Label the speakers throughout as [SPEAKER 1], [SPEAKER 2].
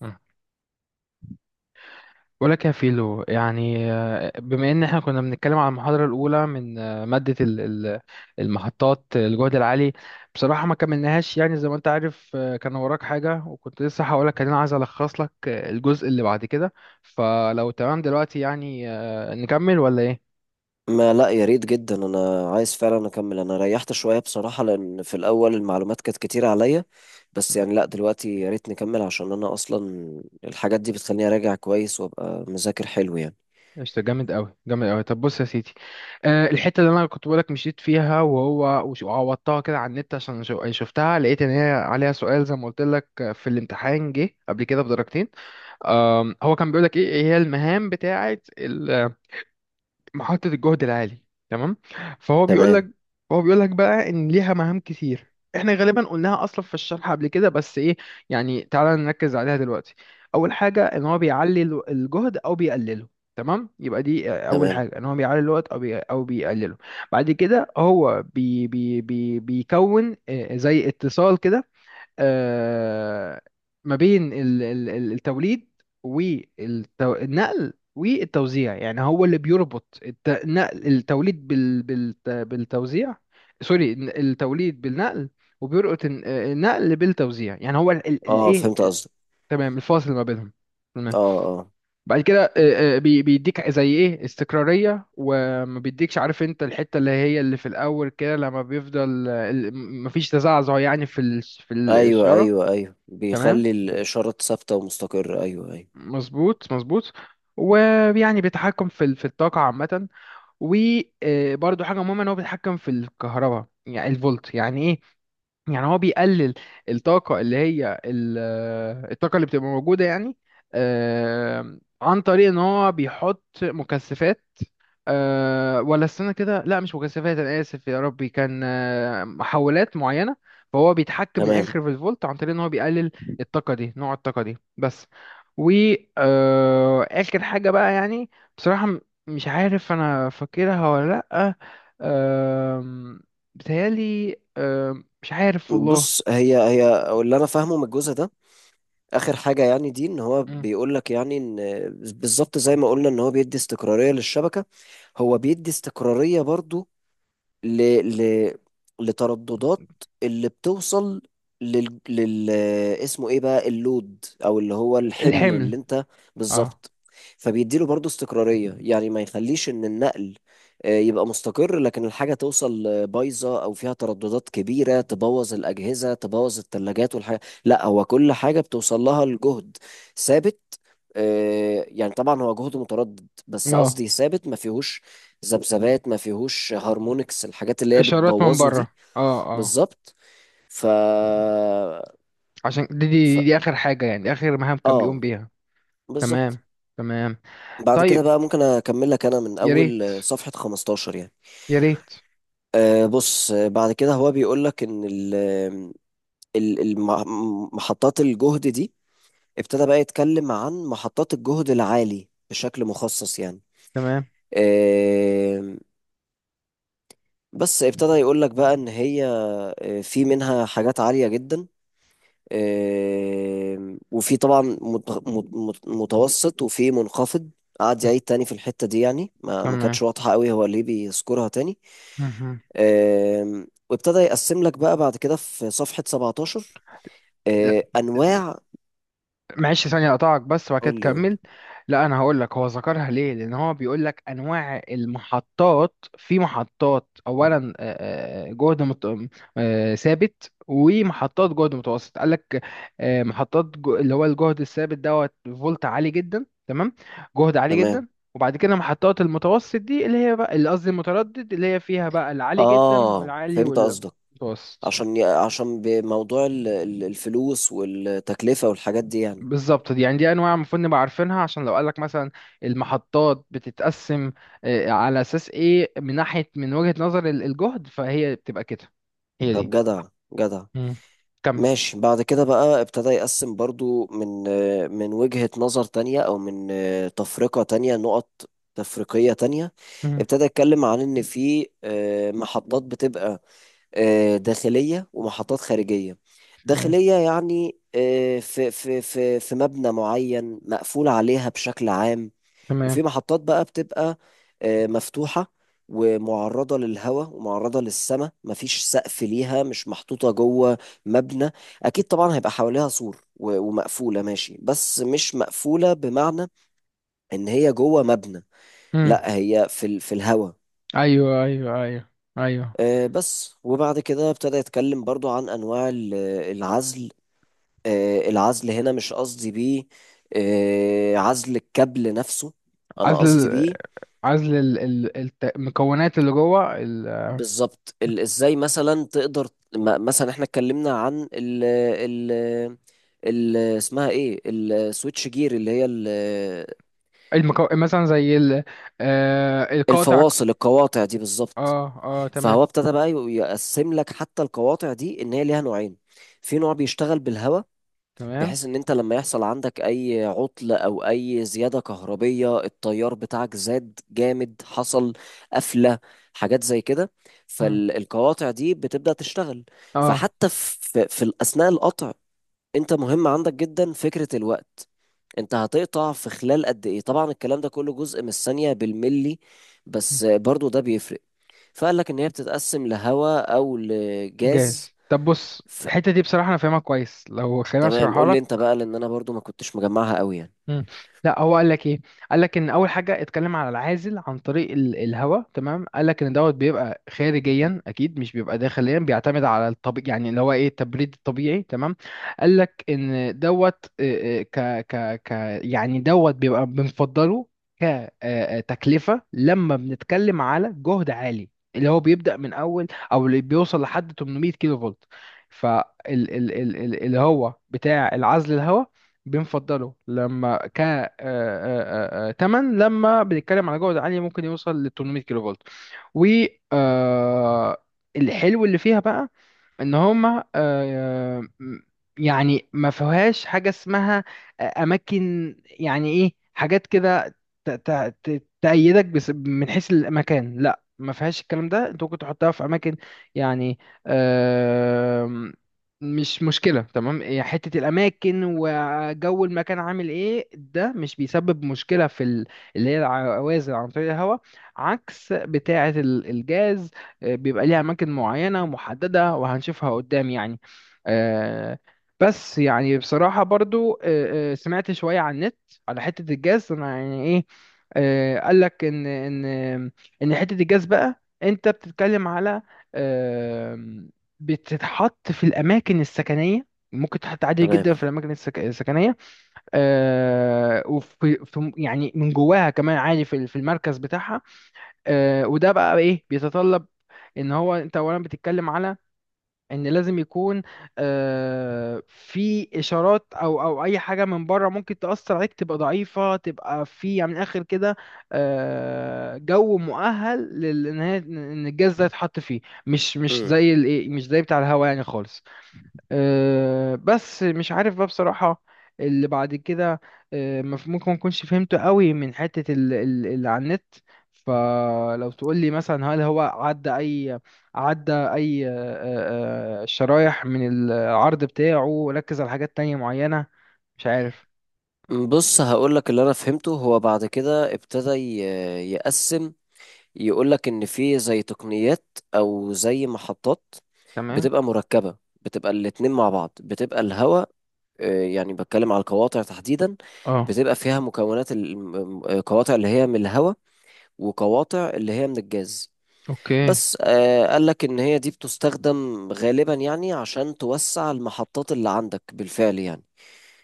[SPEAKER 1] مم. بقول لك يا فيلو بما ان احنا كنا بنتكلم على المحاضرة الأولى من مادة المحطات الجهد العالي. بصراحة ما كملناهاش يعني زي ما انت عارف، كان وراك حاجة وكنت لسه هقول لك انا عايز الخص لك، الجزء اللي بعد كده. فلو تمام دلوقتي نكمل ولا ايه؟
[SPEAKER 2] ما لا، يا ريت جدا. انا عايز فعلا اكمل. انا ريحت شويه بصراحه لان في الاول المعلومات كانت كتير عليا. بس يعني لا دلوقتي يا ريت نكمل عشان انا اصلا الحاجات دي بتخليني اراجع كويس وابقى مذاكر حلو يعني.
[SPEAKER 1] قشطة، جامد أوي جامد أوي. طب بص يا سيدي، أه الحتة اللي أنا كنت بقولك مشيت فيها وهو وعوضتها كده على النت عشان يعني شفتها، لقيت إن هي عليها سؤال زي ما قلت لك في الامتحان، جه قبل كده بدرجتين. هو كان بيقولك إيه هي المهام بتاعة محطة الجهد العالي. تمام. فهو بيقول
[SPEAKER 2] تمام
[SPEAKER 1] لك، هو بيقول لك بقى ان ليها مهام كتير، احنا غالبا قلناها اصلا في الشرح قبل كده، بس ايه يعني، تعالى نركز عليها دلوقتي. اول حاجة ان هو بيعلي الجهد او بيقلله. تمام، يبقى دي اول
[SPEAKER 2] تمام.
[SPEAKER 1] حاجة ان هو بيعلي الوقت او بي او بيقلله. بعد كده هو بي بي بي بيكون زي اتصال كده. آه، ما بين التوليد والنقل والتوزيع، يعني هو اللي بيربط النقل التوليد بالتوزيع. سوري، التوليد بالنقل، وبيربط النقل بالتوزيع، يعني هو
[SPEAKER 2] اه
[SPEAKER 1] الايه.
[SPEAKER 2] فهمت قصدك.
[SPEAKER 1] تمام، الفاصل ما بينهم. تمام.
[SPEAKER 2] اه اه.
[SPEAKER 1] بعد كده بيديك زي ايه استقرارية، وما بيديكش، عارف انت الحتة اللي هي اللي في الاول كده، لما بيفضل مفيش تزعزع يعني في في
[SPEAKER 2] ايوه
[SPEAKER 1] الاشارة.
[SPEAKER 2] ايوه ايوه،
[SPEAKER 1] تمام،
[SPEAKER 2] بيخلي الاشاره ثابته ومستقره، ايوه ايوه.
[SPEAKER 1] مظبوط مظبوط. ويعني بيتحكم في في الطاقة عامة. وبرده حاجة مهمة ان هو بيتحكم في الكهرباء يعني الفولت، يعني ايه؟ يعني هو بيقلل الطاقة اللي هي الطاقة اللي بتبقى موجودة يعني، عن طريق ان هو بيحط مكثفات. أه، ولا استنى كده، لا مش مكثفات، انا اسف، يا ربي كان محولات معينه. فهو بيتحكم من
[SPEAKER 2] تمام.
[SPEAKER 1] الاخر في الفولت عن طريق ان هو بيقلل الطاقه دي، نوع الطاقه دي بس. و اخر حاجه بقى يعني، بصراحه مش عارف انا فاكرها ولا لا. أه، بتهيالي أه مش عارف والله.
[SPEAKER 2] بص، هي هي اللي انا فاهمه من الجزء ده. اخر حاجه يعني دي ان هو
[SPEAKER 1] مم.
[SPEAKER 2] بيقول لك يعني ان بالظبط زي ما قلنا ان هو بيدي استقراريه للشبكه. هو بيدي استقراريه برضو ل... ل... لترددات اللي بتوصل لل اسمه ايه بقى، اللود او اللي هو الحمل اللي
[SPEAKER 1] الحمل.
[SPEAKER 2] انت.
[SPEAKER 1] اه.
[SPEAKER 2] بالظبط. فبيديله برضو استقرارية، يعني ما يخليش ان النقل يبقى مستقر لكن الحاجة توصل بايظة او فيها ترددات كبيرة تبوظ الأجهزة، تبوظ الثلاجات والحاجة. لا، هو كل حاجة بتوصل لها الجهد ثابت. يعني طبعا هو جهد متردد بس
[SPEAKER 1] اه.
[SPEAKER 2] قصدي ثابت، ما فيهوش ذبذبات، ما فيهوش هارمونكس، الحاجات اللي هي
[SPEAKER 1] اشارات من
[SPEAKER 2] بتبوظه
[SPEAKER 1] بره،
[SPEAKER 2] دي.
[SPEAKER 1] اه. اه.
[SPEAKER 2] بالظبط. ف...
[SPEAKER 1] عشان دي,
[SPEAKER 2] ف
[SPEAKER 1] دي اخر حاجه يعني، اخر مهام كان بيقوم
[SPEAKER 2] اه
[SPEAKER 1] بيها.
[SPEAKER 2] بالظبط.
[SPEAKER 1] تمام. تمام.
[SPEAKER 2] بعد كده
[SPEAKER 1] طيب،
[SPEAKER 2] بقى ممكن اكمل لك انا من
[SPEAKER 1] يا ريت،
[SPEAKER 2] اول صفحة 15 يعني.
[SPEAKER 1] يا ريت.
[SPEAKER 2] آه بص، بعد كده هو بيقول لك ان محطات الجهد دي ابتدى بقى يتكلم عن محطات الجهد العالي بشكل مخصص يعني.
[SPEAKER 1] تمام.
[SPEAKER 2] آه. بس ابتدى يقول لك بقى ان هي في منها حاجات عالية جدا. وفي طبعا متوسط وفي منخفض. قعد يعيد تاني في الحتة دي يعني، ما
[SPEAKER 1] تمام.
[SPEAKER 2] كانتش واضحة قوي هو ليه بيذكرها تاني.
[SPEAKER 1] مهم.
[SPEAKER 2] وابتدى يقسم لك بقى بعد كده في صفحة 17، آه، أنواع.
[SPEAKER 1] معلش ثانية أقطعك بس وبعد كده
[SPEAKER 2] قول لي قول
[SPEAKER 1] تكمل.
[SPEAKER 2] لي.
[SPEAKER 1] لا أنا هقول لك هو ذكرها ليه، لأن هو بيقول لك أنواع المحطات، في محطات أولا جهد مت... ثابت، ومحطات جهد متوسط، قال لك محطات جو... اللي هو الجهد الثابت دوت فولت عالي جدا. تمام، جهد عالي
[SPEAKER 2] تمام.
[SPEAKER 1] جدا. وبعد كده محطات المتوسط دي، اللي هي بقى اللي قصدي المتردد، اللي هي فيها بقى العالي جدا
[SPEAKER 2] آه
[SPEAKER 1] والعالي
[SPEAKER 2] فهمت قصدك.
[SPEAKER 1] والمتوسط.
[SPEAKER 2] عشان عشان بموضوع الفلوس والتكلفة والحاجات دي يعني.
[SPEAKER 1] بالظبط، دي يعني دي انواع المفروض نبقى عارفينها، عشان لو قالك مثلا المحطات بتتقسم على اساس ايه، من ناحية من وجهة نظر الجهد، فهي بتبقى كده. هي
[SPEAKER 2] طب
[SPEAKER 1] دي.
[SPEAKER 2] جدع، جدع.
[SPEAKER 1] مم. كمل.
[SPEAKER 2] ماشي. بعد كده بقى ابتدى يقسم برضو من من وجهة نظر تانية أو من تفرقة تانية، نقط تفريقية تانية.
[SPEAKER 1] مم.
[SPEAKER 2] ابتدى يتكلم عن إن في محطات بتبقى داخلية ومحطات خارجية.
[SPEAKER 1] تمام.
[SPEAKER 2] داخلية يعني في مبنى معين مقفول عليها بشكل عام.
[SPEAKER 1] تمام.
[SPEAKER 2] وفي محطات بقى بتبقى مفتوحة ومعرضة للهواء ومعرضة للسماء، مفيش سقف ليها، مش محطوطة جوه مبنى. أكيد طبعا هيبقى حواليها سور ومقفولة ماشي، بس مش مقفولة بمعنى إن هي جوه مبنى.
[SPEAKER 1] مم.
[SPEAKER 2] لا، هي في في الهواء.
[SPEAKER 1] ايوه، ايوه، ايوه، ايوه.
[SPEAKER 2] بس. وبعد كده ابتدى يتكلم برضو عن أنواع العزل. آه، العزل هنا مش قصدي بيه عزل الكابل نفسه، أنا
[SPEAKER 1] عزل
[SPEAKER 2] قصدي بيه
[SPEAKER 1] عزل المكونات اللي جوه
[SPEAKER 2] بالظبط ازاي مثلا تقدر. مثلا احنا اتكلمنا عن ال ال ال اسمها ايه، السويتش جير اللي هي
[SPEAKER 1] المكو... مثلا زي ال... آه القاطع.
[SPEAKER 2] الفواصل، القواطع دي بالظبط.
[SPEAKER 1] اه، اه، تمام.
[SPEAKER 2] فهو ابتدى بقى يقسم لك حتى القواطع دي ان هي ليها نوعين. في نوع بيشتغل بالهواء
[SPEAKER 1] تمام.
[SPEAKER 2] بحيث ان انت لما يحصل عندك اي عطل او اي زيادة كهربية التيار بتاعك زاد جامد، حصل قفلة، حاجات زي كده،
[SPEAKER 1] مم.
[SPEAKER 2] فالقواطع دي بتبدأ تشتغل.
[SPEAKER 1] اه.
[SPEAKER 2] فحتى في اثناء القطع انت مهم عندك جدا فكرة الوقت، انت هتقطع في خلال قد ايه. طبعا الكلام ده كله جزء من الثانية، بالملي، بس برضو ده بيفرق. فقال لك ان هي بتتقسم لهواء او لجاز.
[SPEAKER 1] جاهز. طب بص
[SPEAKER 2] ف...
[SPEAKER 1] الحتة دي بصراحة أنا فاهمها كويس، لو خليني
[SPEAKER 2] تمام
[SPEAKER 1] أشرحها.
[SPEAKER 2] قول لي انت بقى لان انا برضو ما كنتش مجمعها قوي يعني.
[SPEAKER 1] مم. لا هو قال لك ايه، قال لك ان اول حاجه اتكلم على العازل عن طريق الهواء. تمام، قال لك ان دوت بيبقى خارجيا اكيد مش بيبقى داخليا، بيعتمد على الطبيعي يعني اللي هو ايه، التبريد الطبيعي. تمام، قال لك ان دوت آه، آه، ك ك ك يعني دوت بيبقى بنفضله كتكلفه لما بنتكلم على جهد عالي، اللي هو بيبدا من اول او اللي بيوصل لحد 800 كيلو فولت. فال ال اللي هو بتاع العزل الهواء بنفضله لما ك آه، آه، آه، آه، تمن لما بنتكلم على جودة عالية، ممكن يوصل ل 800 كيلو فولت. والحلو اللي فيها بقى ان هما يعني ما فيهاش حاجه اسمها اماكن يعني ايه حاجات كده تأيدك، بس من حيث المكان لا ما فيهاش الكلام ده، انت ممكن تحطها في اماكن يعني، آم، مش مشكله. تمام، هي حته الاماكن وجو المكان عامل ايه ده مش بيسبب مشكله في اللي هي العوازل عن طريق الهواء. عكس بتاعه الجاز، بيبقى ليها أماكن معينة محددة وهنشوفها قدام يعني. آه، بس يعني بصراحة برضو سمعت شوية عن النت على حتة الجاز أنا يعني إيه. آه، قالك إن حتة الجاز بقى، أنت بتتكلم على آم، بتتحط في الأماكن السكنية، ممكن تتحط عادي
[SPEAKER 2] تمام.
[SPEAKER 1] جدا في الأماكن السكنية. آه، وفي يعني من جواها كمان عادي في في المركز بتاعها. آه، وده بقى ايه بيتطلب ان هو انت اولا بتتكلم على ان لازم يكون في اشارات او اي حاجه من بره ممكن تاثر عليك، تبقى ضعيفه تبقى في يعني من الاخر كده جو مؤهل ان إن الجهاز ده يتحط فيه. مش مش
[SPEAKER 2] مم.
[SPEAKER 1] زي الايه، مش زي بتاع الهوا يعني خالص. أه، بس مش عارف بقى بصراحة اللي بعد كده. أه ممكن ما اكونش فهمته قوي من حتة اللي على النت. فلو تقول لي مثلا هل هو عدى اي، عدى اي أه، أه، أه، شرايح من العرض بتاعه وركز على حاجات تانية معينة، مش عارف.
[SPEAKER 2] بص هقولك اللي انا فهمته. هو بعد كده ابتدى يقسم، يقولك ان في زي تقنيات او زي محطات
[SPEAKER 1] تمام.
[SPEAKER 2] بتبقى مركبة، بتبقى الاتنين مع بعض، بتبقى الهواء، يعني بتكلم على القواطع تحديدا،
[SPEAKER 1] اه.
[SPEAKER 2] بتبقى فيها مكونات القواطع اللي هي من الهواء وقواطع اللي هي من الجاز.
[SPEAKER 1] اوكي.
[SPEAKER 2] بس قالك ان هي دي بتستخدم غالبا يعني عشان توسع المحطات اللي عندك بالفعل يعني.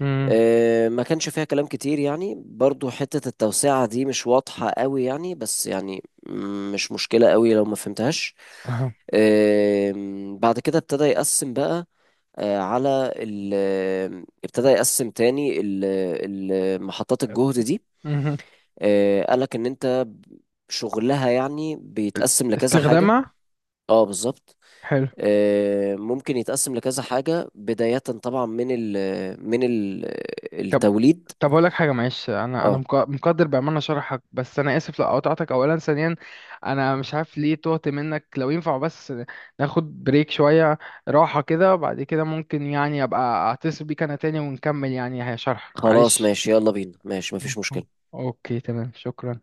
[SPEAKER 1] امم.
[SPEAKER 2] ما كانش فيها كلام كتير يعني، برضو حتة التوسعة دي مش واضحة قوي يعني، بس يعني مش مشكلة قوي لو ما فهمتهاش.
[SPEAKER 1] اها.
[SPEAKER 2] بعد كده ابتدى يقسم بقى على ال ابتدى يقسم تاني محطات الجهد دي.
[SPEAKER 1] مهم.
[SPEAKER 2] قالك ان انت شغلها يعني بيتقسم لكذا حاجة.
[SPEAKER 1] استخدامها.
[SPEAKER 2] اه بالظبط.
[SPEAKER 1] حلو.
[SPEAKER 2] ممكن يتقسم لكذا حاجة، بداية طبعا من ال من ال
[SPEAKER 1] طب،
[SPEAKER 2] التوليد.
[SPEAKER 1] طب اقول لك حاجه معلش، انا انا
[SPEAKER 2] اه.
[SPEAKER 1] مقدر بامانه شرحك، بس انا اسف لو قطعتك، اولا ثانيا انا مش عارف ليه تهت منك. لو ينفع بس ناخد بريك شويه، راحه كده، وبعد كده ممكن يعني ابقى اتصل بيك انا تاني ونكمل يعني هي شرح،
[SPEAKER 2] خلاص
[SPEAKER 1] معلش.
[SPEAKER 2] ماشي، يلا بينا، ماشي مفيش
[SPEAKER 1] أوه.
[SPEAKER 2] مشكلة.
[SPEAKER 1] اوكي، تمام، شكرا.